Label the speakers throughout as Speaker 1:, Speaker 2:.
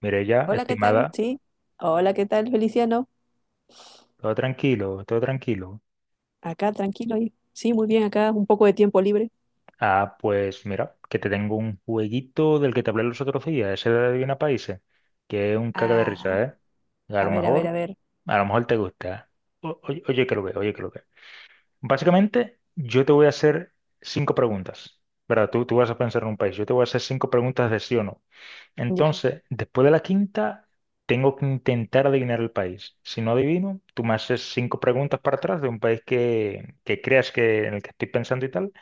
Speaker 1: Mirella,
Speaker 2: Hola, ¿qué tal?
Speaker 1: estimada,
Speaker 2: Sí. Hola, ¿qué tal, Feliciano?
Speaker 1: todo tranquilo, todo tranquilo.
Speaker 2: Acá, tranquilo. Sí, muy bien, acá, un poco de tiempo libre.
Speaker 1: Ah, pues mira, que te tengo un jueguito del que te hablé los otros días, ese de Adivina Países, que es un caca de
Speaker 2: Ah,
Speaker 1: risa, ¿eh? A
Speaker 2: a
Speaker 1: lo
Speaker 2: ver, a ver,
Speaker 1: mejor,
Speaker 2: a ver.
Speaker 1: a lo mejor te gusta. Oye, oye que lo ve, oye que lo ve. Básicamente, yo te voy a hacer cinco preguntas, ¿verdad? Tú vas a pensar en un país, yo te voy a hacer cinco preguntas de sí o no.
Speaker 2: Ya.
Speaker 1: Entonces, después de la quinta, tengo que intentar adivinar el país. Si no adivino, tú me haces cinco preguntas para atrás de un país que creas que en el que estoy pensando y tal,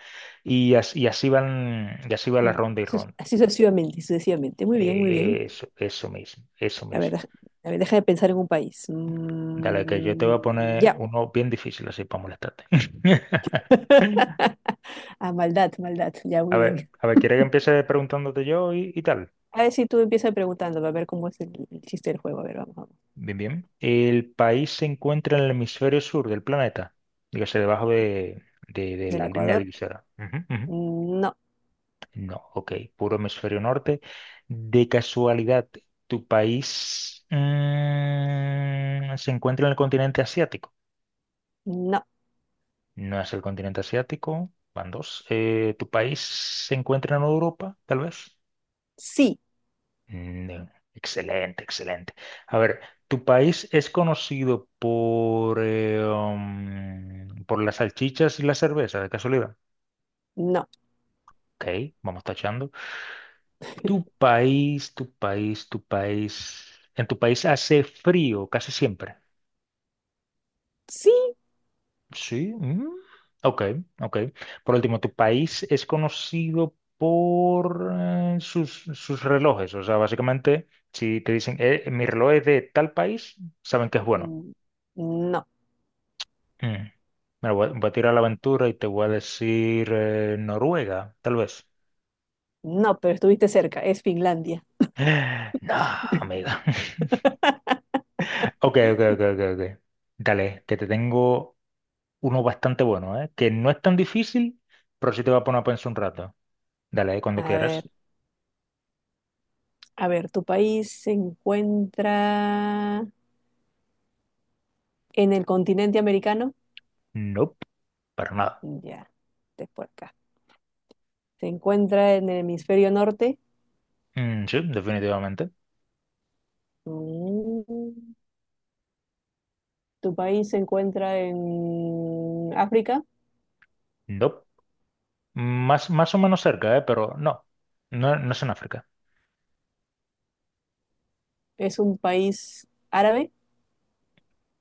Speaker 1: y así van, y así va la ronda y ronda.
Speaker 2: Así sucesivamente, sucesivamente. Muy bien, muy bien.
Speaker 1: Eso, eso mismo, eso
Speaker 2: A ver,
Speaker 1: mismo.
Speaker 2: a ver, deja de pensar en un país.
Speaker 1: Dale, que yo te voy a
Speaker 2: Mm,
Speaker 1: poner
Speaker 2: ya.
Speaker 1: uno bien difícil así para molestarte.
Speaker 2: Ah, maldad, maldad. Ya, muy bien.
Speaker 1: A ver, ¿quieres que empiece preguntándote yo y tal?
Speaker 2: A ver si tú empiezas preguntando, a ver cómo es el chiste del juego. A ver, vamos, vamos.
Speaker 1: Bien, bien. El país se encuentra en el hemisferio sur del planeta, dígase debajo de, de
Speaker 2: ¿Del
Speaker 1: la línea
Speaker 2: Ecuador?
Speaker 1: divisora. Ujú, ujú.
Speaker 2: Mm, no,
Speaker 1: No, ok, puro hemisferio norte. De casualidad, ¿tu país se encuentra en el continente asiático?
Speaker 2: no.
Speaker 1: No es el continente asiático, van dos. ¿Tu país se encuentra en Europa, tal vez?
Speaker 2: Sí,
Speaker 1: Excelente, excelente. A ver, ¿tu país es conocido por las salchichas y la cerveza, de casualidad?
Speaker 2: no.
Speaker 1: Ok, vamos tachando. ¿Tu país, tu país, tu país... En tu país hace frío casi siempre?
Speaker 2: Sí,
Speaker 1: Sí. Ok, ok. Por último, ¿tu país es conocido por sus relojes? O sea, básicamente, si te dicen, mi reloj es de tal país, saben que es bueno.
Speaker 2: mm, no.
Speaker 1: Mm. Mira, voy a tirar la aventura y te voy a decir Noruega, tal vez.
Speaker 2: No, pero estuviste cerca, es Finlandia.
Speaker 1: No, amiga. Ok, ok, ok, ok, ok. Dale, que te tengo uno bastante bueno, ¿eh? Que no es tan difícil, pero sí te va a poner a pensar un rato. Dale, cuando
Speaker 2: A ver,
Speaker 1: quieras.
Speaker 2: a ver, ¿tu país se encuentra en el continente americano?
Speaker 1: Nope, para nada.
Speaker 2: Ya, es por acá. ¿Se encuentra en el hemisferio norte?
Speaker 1: Sí, definitivamente.
Speaker 2: Mm. ¿Tu país se encuentra en África?
Speaker 1: Nope. Más o menos cerca, ¿eh? Pero no. No, no es en África.
Speaker 2: ¿Es un país árabe?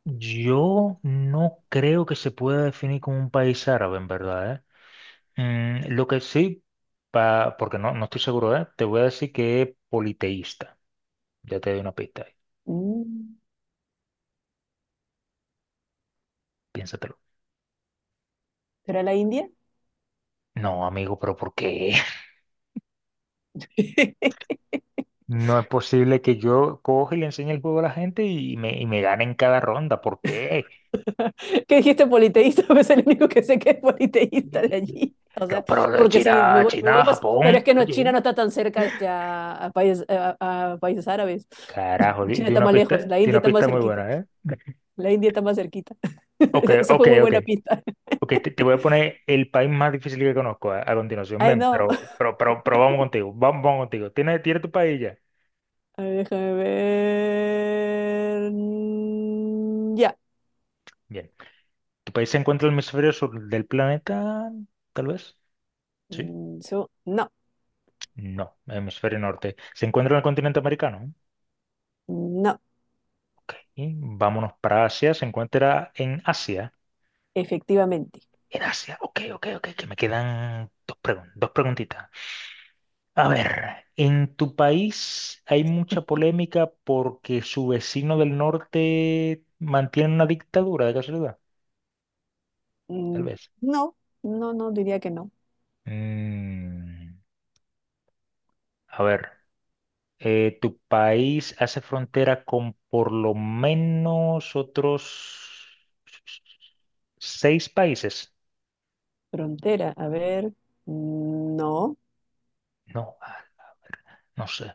Speaker 1: Yo no creo que se pueda definir como un país árabe, en verdad, ¿eh? Lo que sí, porque no estoy seguro, ¿eh? Te voy a decir que es politeísta. Ya te doy una pista ahí.
Speaker 2: Mm.
Speaker 1: Piénsatelo.
Speaker 2: ¿Será la India?
Speaker 1: No, amigo, pero ¿por qué? No es posible que yo coge y le enseñe el juego a la gente y me gane en cada ronda. ¿Por qué?
Speaker 2: ¿Qué dijiste? Politeísta, es el único que sé que es politeísta de allí. O
Speaker 1: Yo,
Speaker 2: sea,
Speaker 1: pero de
Speaker 2: porque si me
Speaker 1: China,
Speaker 2: voy, me voy
Speaker 1: China,
Speaker 2: más, pero es
Speaker 1: Japón.
Speaker 2: que no, China
Speaker 1: Oye.
Speaker 2: no está tan cerca este, a países, a países árabes.
Speaker 1: Carajo, di,
Speaker 2: China
Speaker 1: di
Speaker 2: está
Speaker 1: una
Speaker 2: más
Speaker 1: pista,
Speaker 2: lejos, la
Speaker 1: di
Speaker 2: India
Speaker 1: una
Speaker 2: está más
Speaker 1: pista muy
Speaker 2: cerquita.
Speaker 1: buena, ¿eh?
Speaker 2: La India está más cerquita.
Speaker 1: Ok,
Speaker 2: Esa
Speaker 1: ok,
Speaker 2: fue muy
Speaker 1: ok.
Speaker 2: buena pista.
Speaker 1: Ok, te voy a poner el país más difícil que conozco a continuación.
Speaker 2: Ay,
Speaker 1: Ven,
Speaker 2: no.
Speaker 1: pero vamos contigo. Vamos, vamos contigo. ¿Tienes tu país ya?
Speaker 2: A ver, déjame ver. Mm, ya.
Speaker 1: Bien. ¿Tu país se encuentra en el hemisferio sur del planeta? Tal vez. Sí.
Speaker 2: Mm, no,
Speaker 1: No, hemisferio norte. ¿Se encuentra en el continente americano?
Speaker 2: no,
Speaker 1: Ok. Vámonos para Asia. ¿Se encuentra en Asia?
Speaker 2: efectivamente.
Speaker 1: En Asia. Ok, ok, ok. Que me quedan dos preguntitas. A ver, en tu país hay mucha polémica porque su vecino del norte mantiene una dictadura de casualidad. Tal
Speaker 2: Mm,
Speaker 1: vez.
Speaker 2: no, no, no diría que no.
Speaker 1: Mm, a ver. ¿Tu país hace frontera con por lo menos otros seis países?
Speaker 2: Frontera, a ver. Mm, no.
Speaker 1: No, no sé.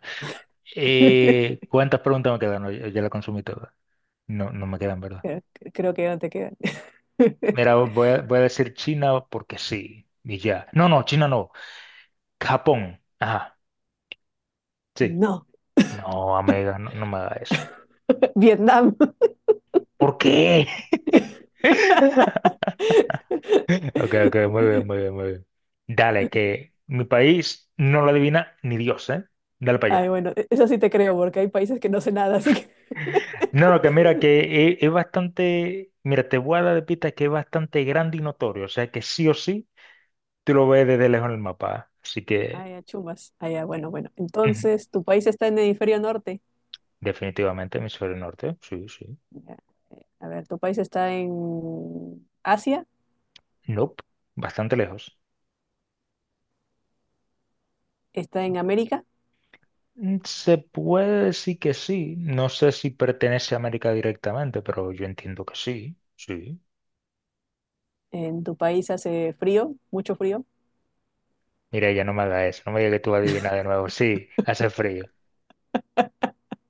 Speaker 1: ¿Cuántas preguntas me quedan? No, ya la consumí toda. No, no me quedan, ¿verdad?
Speaker 2: Creo creo que ya no te quedan.
Speaker 1: Mira, voy a decir China porque sí, y ya. No, no, China no. Japón. Ajá, sí.
Speaker 2: No,
Speaker 1: No, amiga, no, no me haga eso.
Speaker 2: Vietnam.
Speaker 1: ¿Por qué? Ok, ok, muy bien, muy bien, muy bien. Dale, que mi país no lo adivina ni Dios, ¿eh? Dale para
Speaker 2: Ay,
Speaker 1: allá.
Speaker 2: bueno, eso sí te creo, porque hay países que no sé nada, así que.
Speaker 1: No, no, que mira que es bastante, mira, te voy a dar de pista que es bastante grande y notorio, o sea que sí o sí, tú lo ves desde lejos en el mapa, así que
Speaker 2: Ay, a chumas. Ay, ya, bueno, bueno.
Speaker 1: ujú,
Speaker 2: Entonces, ¿tu país está en el hemisferio norte?
Speaker 1: definitivamente hemisferio norte, sí, sí,
Speaker 2: Ya. A ver, ¿tu país está en Asia?
Speaker 1: nope, bastante lejos.
Speaker 2: ¿Está en América?
Speaker 1: Se puede decir que sí, no sé si pertenece a América directamente, pero yo entiendo que sí, sí.
Speaker 2: ¿En tu país hace frío? ¿Mucho frío?
Speaker 1: Mira, ya no me hagas eso. No me digas que tú vas a adivinar de nuevo. Sí, hace frío.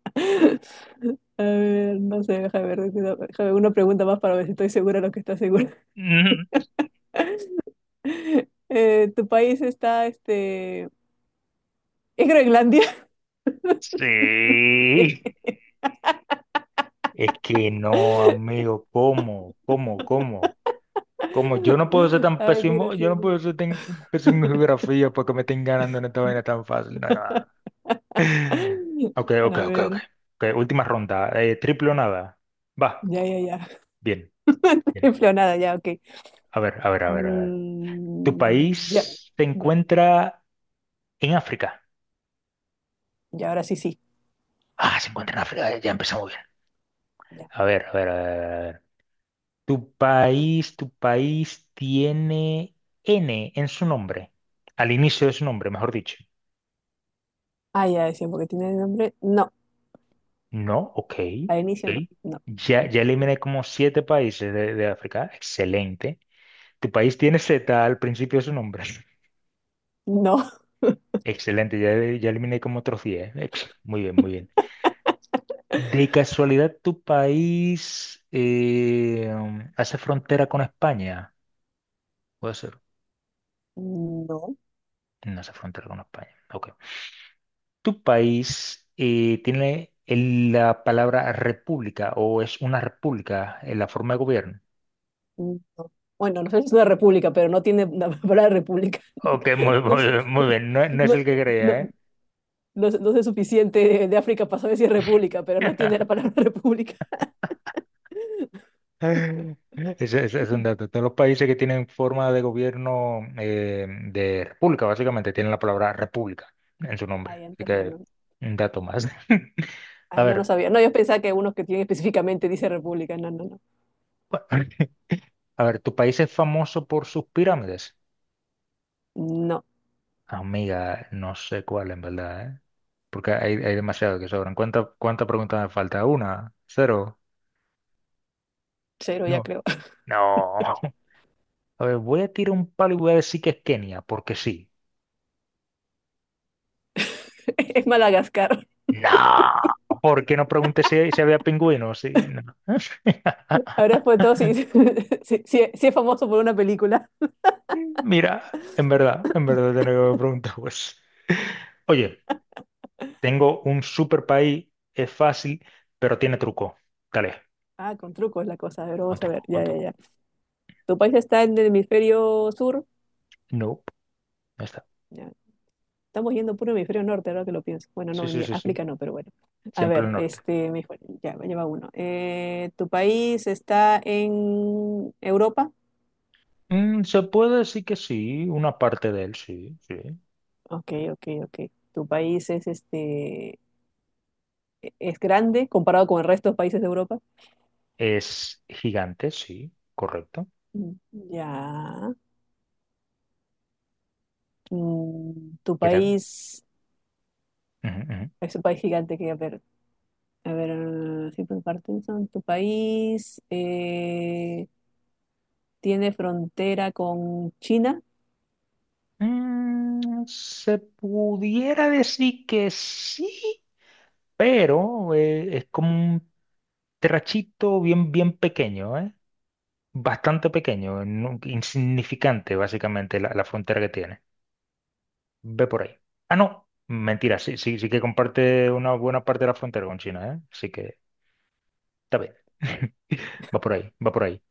Speaker 2: A ver, no sé, déjame ver, déjame una pregunta más para ver si estoy segura de lo que estás segura.
Speaker 1: Mm,
Speaker 2: ¿Tu país está? ¿Es Groenlandia?
Speaker 1: Sí. Es que no, amigo. ¿Cómo? ¿Cómo? ¿Cómo? ¿Cómo? Yo no puedo ser tan
Speaker 2: Ay, qué
Speaker 1: pésimo. Yo no
Speaker 2: gracioso.
Speaker 1: puedo ser tan pésimo en geografía porque me estén ganando en esta vaina tan fácil. Nada. Ok, ok,
Speaker 2: A
Speaker 1: ok, ok.
Speaker 2: ver,
Speaker 1: Ok, última ronda. Triple o nada. Va.
Speaker 2: ya, ya,
Speaker 1: Bien, bien.
Speaker 2: ya. Nada ya, ok.
Speaker 1: A ver, a ver, a ver, a ver. ¿Tu
Speaker 2: Mm, ya,
Speaker 1: país se
Speaker 2: ya,
Speaker 1: encuentra en África?
Speaker 2: ya, ahora sí, sí.
Speaker 1: Ah, se encuentra en África. Ya empezamos bien.
Speaker 2: Ya.
Speaker 1: A ver, a ver, a ver. Tu país tiene N en su nombre, al inicio de su nombre, mejor dicho.
Speaker 2: Ah, ya decía, porque tiene nombre. No,
Speaker 1: No, ok,
Speaker 2: al inicio
Speaker 1: ok.
Speaker 2: no, no,
Speaker 1: Ya eliminé como siete países de África. Excelente. Tu país tiene Z al principio de su nombre.
Speaker 2: no,
Speaker 1: Excelente, ya eliminé como otros 10. Muy bien, muy bien. De casualidad, ¿tu país hace frontera con España? Puede ser.
Speaker 2: no,
Speaker 1: No hace frontera con España. Ok. ¿Tu país tiene la palabra república o es una república en la forma de gobierno?
Speaker 2: no. Bueno, no sé si es una república, pero no tiene la palabra república.
Speaker 1: Ok, muy,
Speaker 2: No sé,
Speaker 1: muy, muy bien, no, no es
Speaker 2: no,
Speaker 1: el que
Speaker 2: no,
Speaker 1: creía, ¿eh?
Speaker 2: no, sé no sé suficiente de África para saber si es república, pero no tiene la palabra república.
Speaker 1: Ese es un dato. Todos los países que tienen forma de gobierno de república, básicamente, tienen la palabra república en su nombre.
Speaker 2: Ay,
Speaker 1: Así
Speaker 2: entonces no,
Speaker 1: que
Speaker 2: no.
Speaker 1: un dato más. A
Speaker 2: Ah, no, no
Speaker 1: ver,
Speaker 2: sabía. No, yo pensaba que unos que tienen específicamente dice República. No, no, no.
Speaker 1: a ver, ¿tu país es famoso por sus pirámides?
Speaker 2: No,
Speaker 1: Amiga, no sé cuál en verdad, ¿eh? Porque hay demasiado que sobran. ¿Cuánta pregunta me falta? ¿Una? ¿Cero?
Speaker 2: cero ya
Speaker 1: No.
Speaker 2: creo.
Speaker 1: No. A ver, voy a tirar un palo y voy a decir que es Kenia, porque sí.
Speaker 2: Es Madagascar.
Speaker 1: No. Porque no pregunté si había pingüinos? Sí, no.
Speaker 2: Ahora después de todo, si, si es famoso por una película.
Speaker 1: Mira, en verdad tenía que haber preguntado eso. Oye, tengo un super país, es fácil, pero tiene truco. Dale,
Speaker 2: Ah, con trucos la cosa. A ver,
Speaker 1: con
Speaker 2: vamos a ver.
Speaker 1: truco, con
Speaker 2: Ya, ya,
Speaker 1: truco.
Speaker 2: ya. ¿Tu país está en el hemisferio sur?
Speaker 1: No, no está.
Speaker 2: Ya. Estamos yendo puro hemisferio norte, ahora que lo pienso. Bueno,
Speaker 1: Sí,
Speaker 2: no, en
Speaker 1: sí,
Speaker 2: mi
Speaker 1: sí, sí.
Speaker 2: África no, pero bueno. A
Speaker 1: Siempre
Speaker 2: ver,
Speaker 1: el norte.
Speaker 2: ya, me lleva uno. ¿Tu país está en Europa?
Speaker 1: Se puede decir que sí, una parte de él, sí, sí.
Speaker 2: Ok, ok, ok. ¿Tu país es es grande comparado con el resto de países de Europa?
Speaker 1: Es gigante, sí, correcto.
Speaker 2: Mm, ya. Mm, tu
Speaker 1: ¿Qué tal?
Speaker 2: país
Speaker 1: Ujú, ujú.
Speaker 2: es un país gigante que, a ver, si por Parkinson, tu país tiene frontera con China.
Speaker 1: Se pudiera decir que sí, pero es como un trachito bien, bien pequeño, ¿eh? Bastante pequeño, insignificante básicamente la frontera que tiene. Ve por ahí. Ah, no, mentira, sí, sí, sí que comparte una buena parte de la frontera con China, ¿eh? Así que está bien. Va por ahí, va por ahí.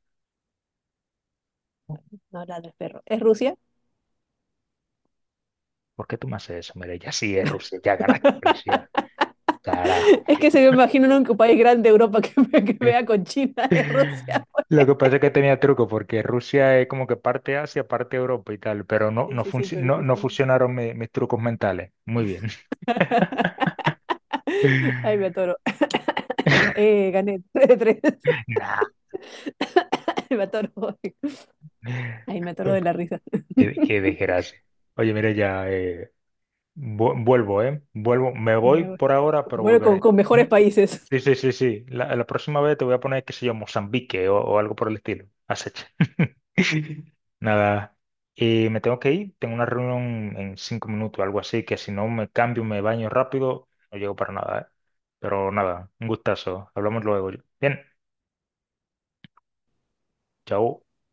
Speaker 2: No, la del perro. ¿Es Rusia?
Speaker 1: ¿Por qué tú me haces eso? Mira, ya sí es Rusia, ya ganaste Rusia. Carajo.
Speaker 2: Es que se me imagino en un país grande de Europa que, que vea con China, es Rusia.
Speaker 1: Lo que pasa es que tenía truco, porque Rusia es como que parte Asia, parte Europa y tal, pero no,
Speaker 2: Sí,
Speaker 1: no,
Speaker 2: sí, sí,
Speaker 1: func-
Speaker 2: pero
Speaker 1: no, no
Speaker 2: dijiste.
Speaker 1: funcionaron mis trucos mentales. Muy bien.
Speaker 2: Ay, me atoro. Ya, gané 3 de 3.
Speaker 1: Nah.
Speaker 2: Me atoro. Ahí me atoro de la risa.
Speaker 1: Qué desgracia. Oye, mira, ya vuelvo, ¿eh? Vuelvo, me voy
Speaker 2: Ya, bueno,
Speaker 1: por ahora, pero
Speaker 2: Bueno, con,
Speaker 1: volveré.
Speaker 2: con mejores países.
Speaker 1: Sí, sí, sí, sí. La próxima vez te voy a poner, qué sé yo, Mozambique o algo por el estilo. Acecha. Nada. Y me tengo que ir. Tengo una reunión en 5 minutos, algo así, que si no me cambio, me baño rápido, no llego para nada, ¿eh? Pero nada, un gustazo. Hablamos luego. Bien, chao.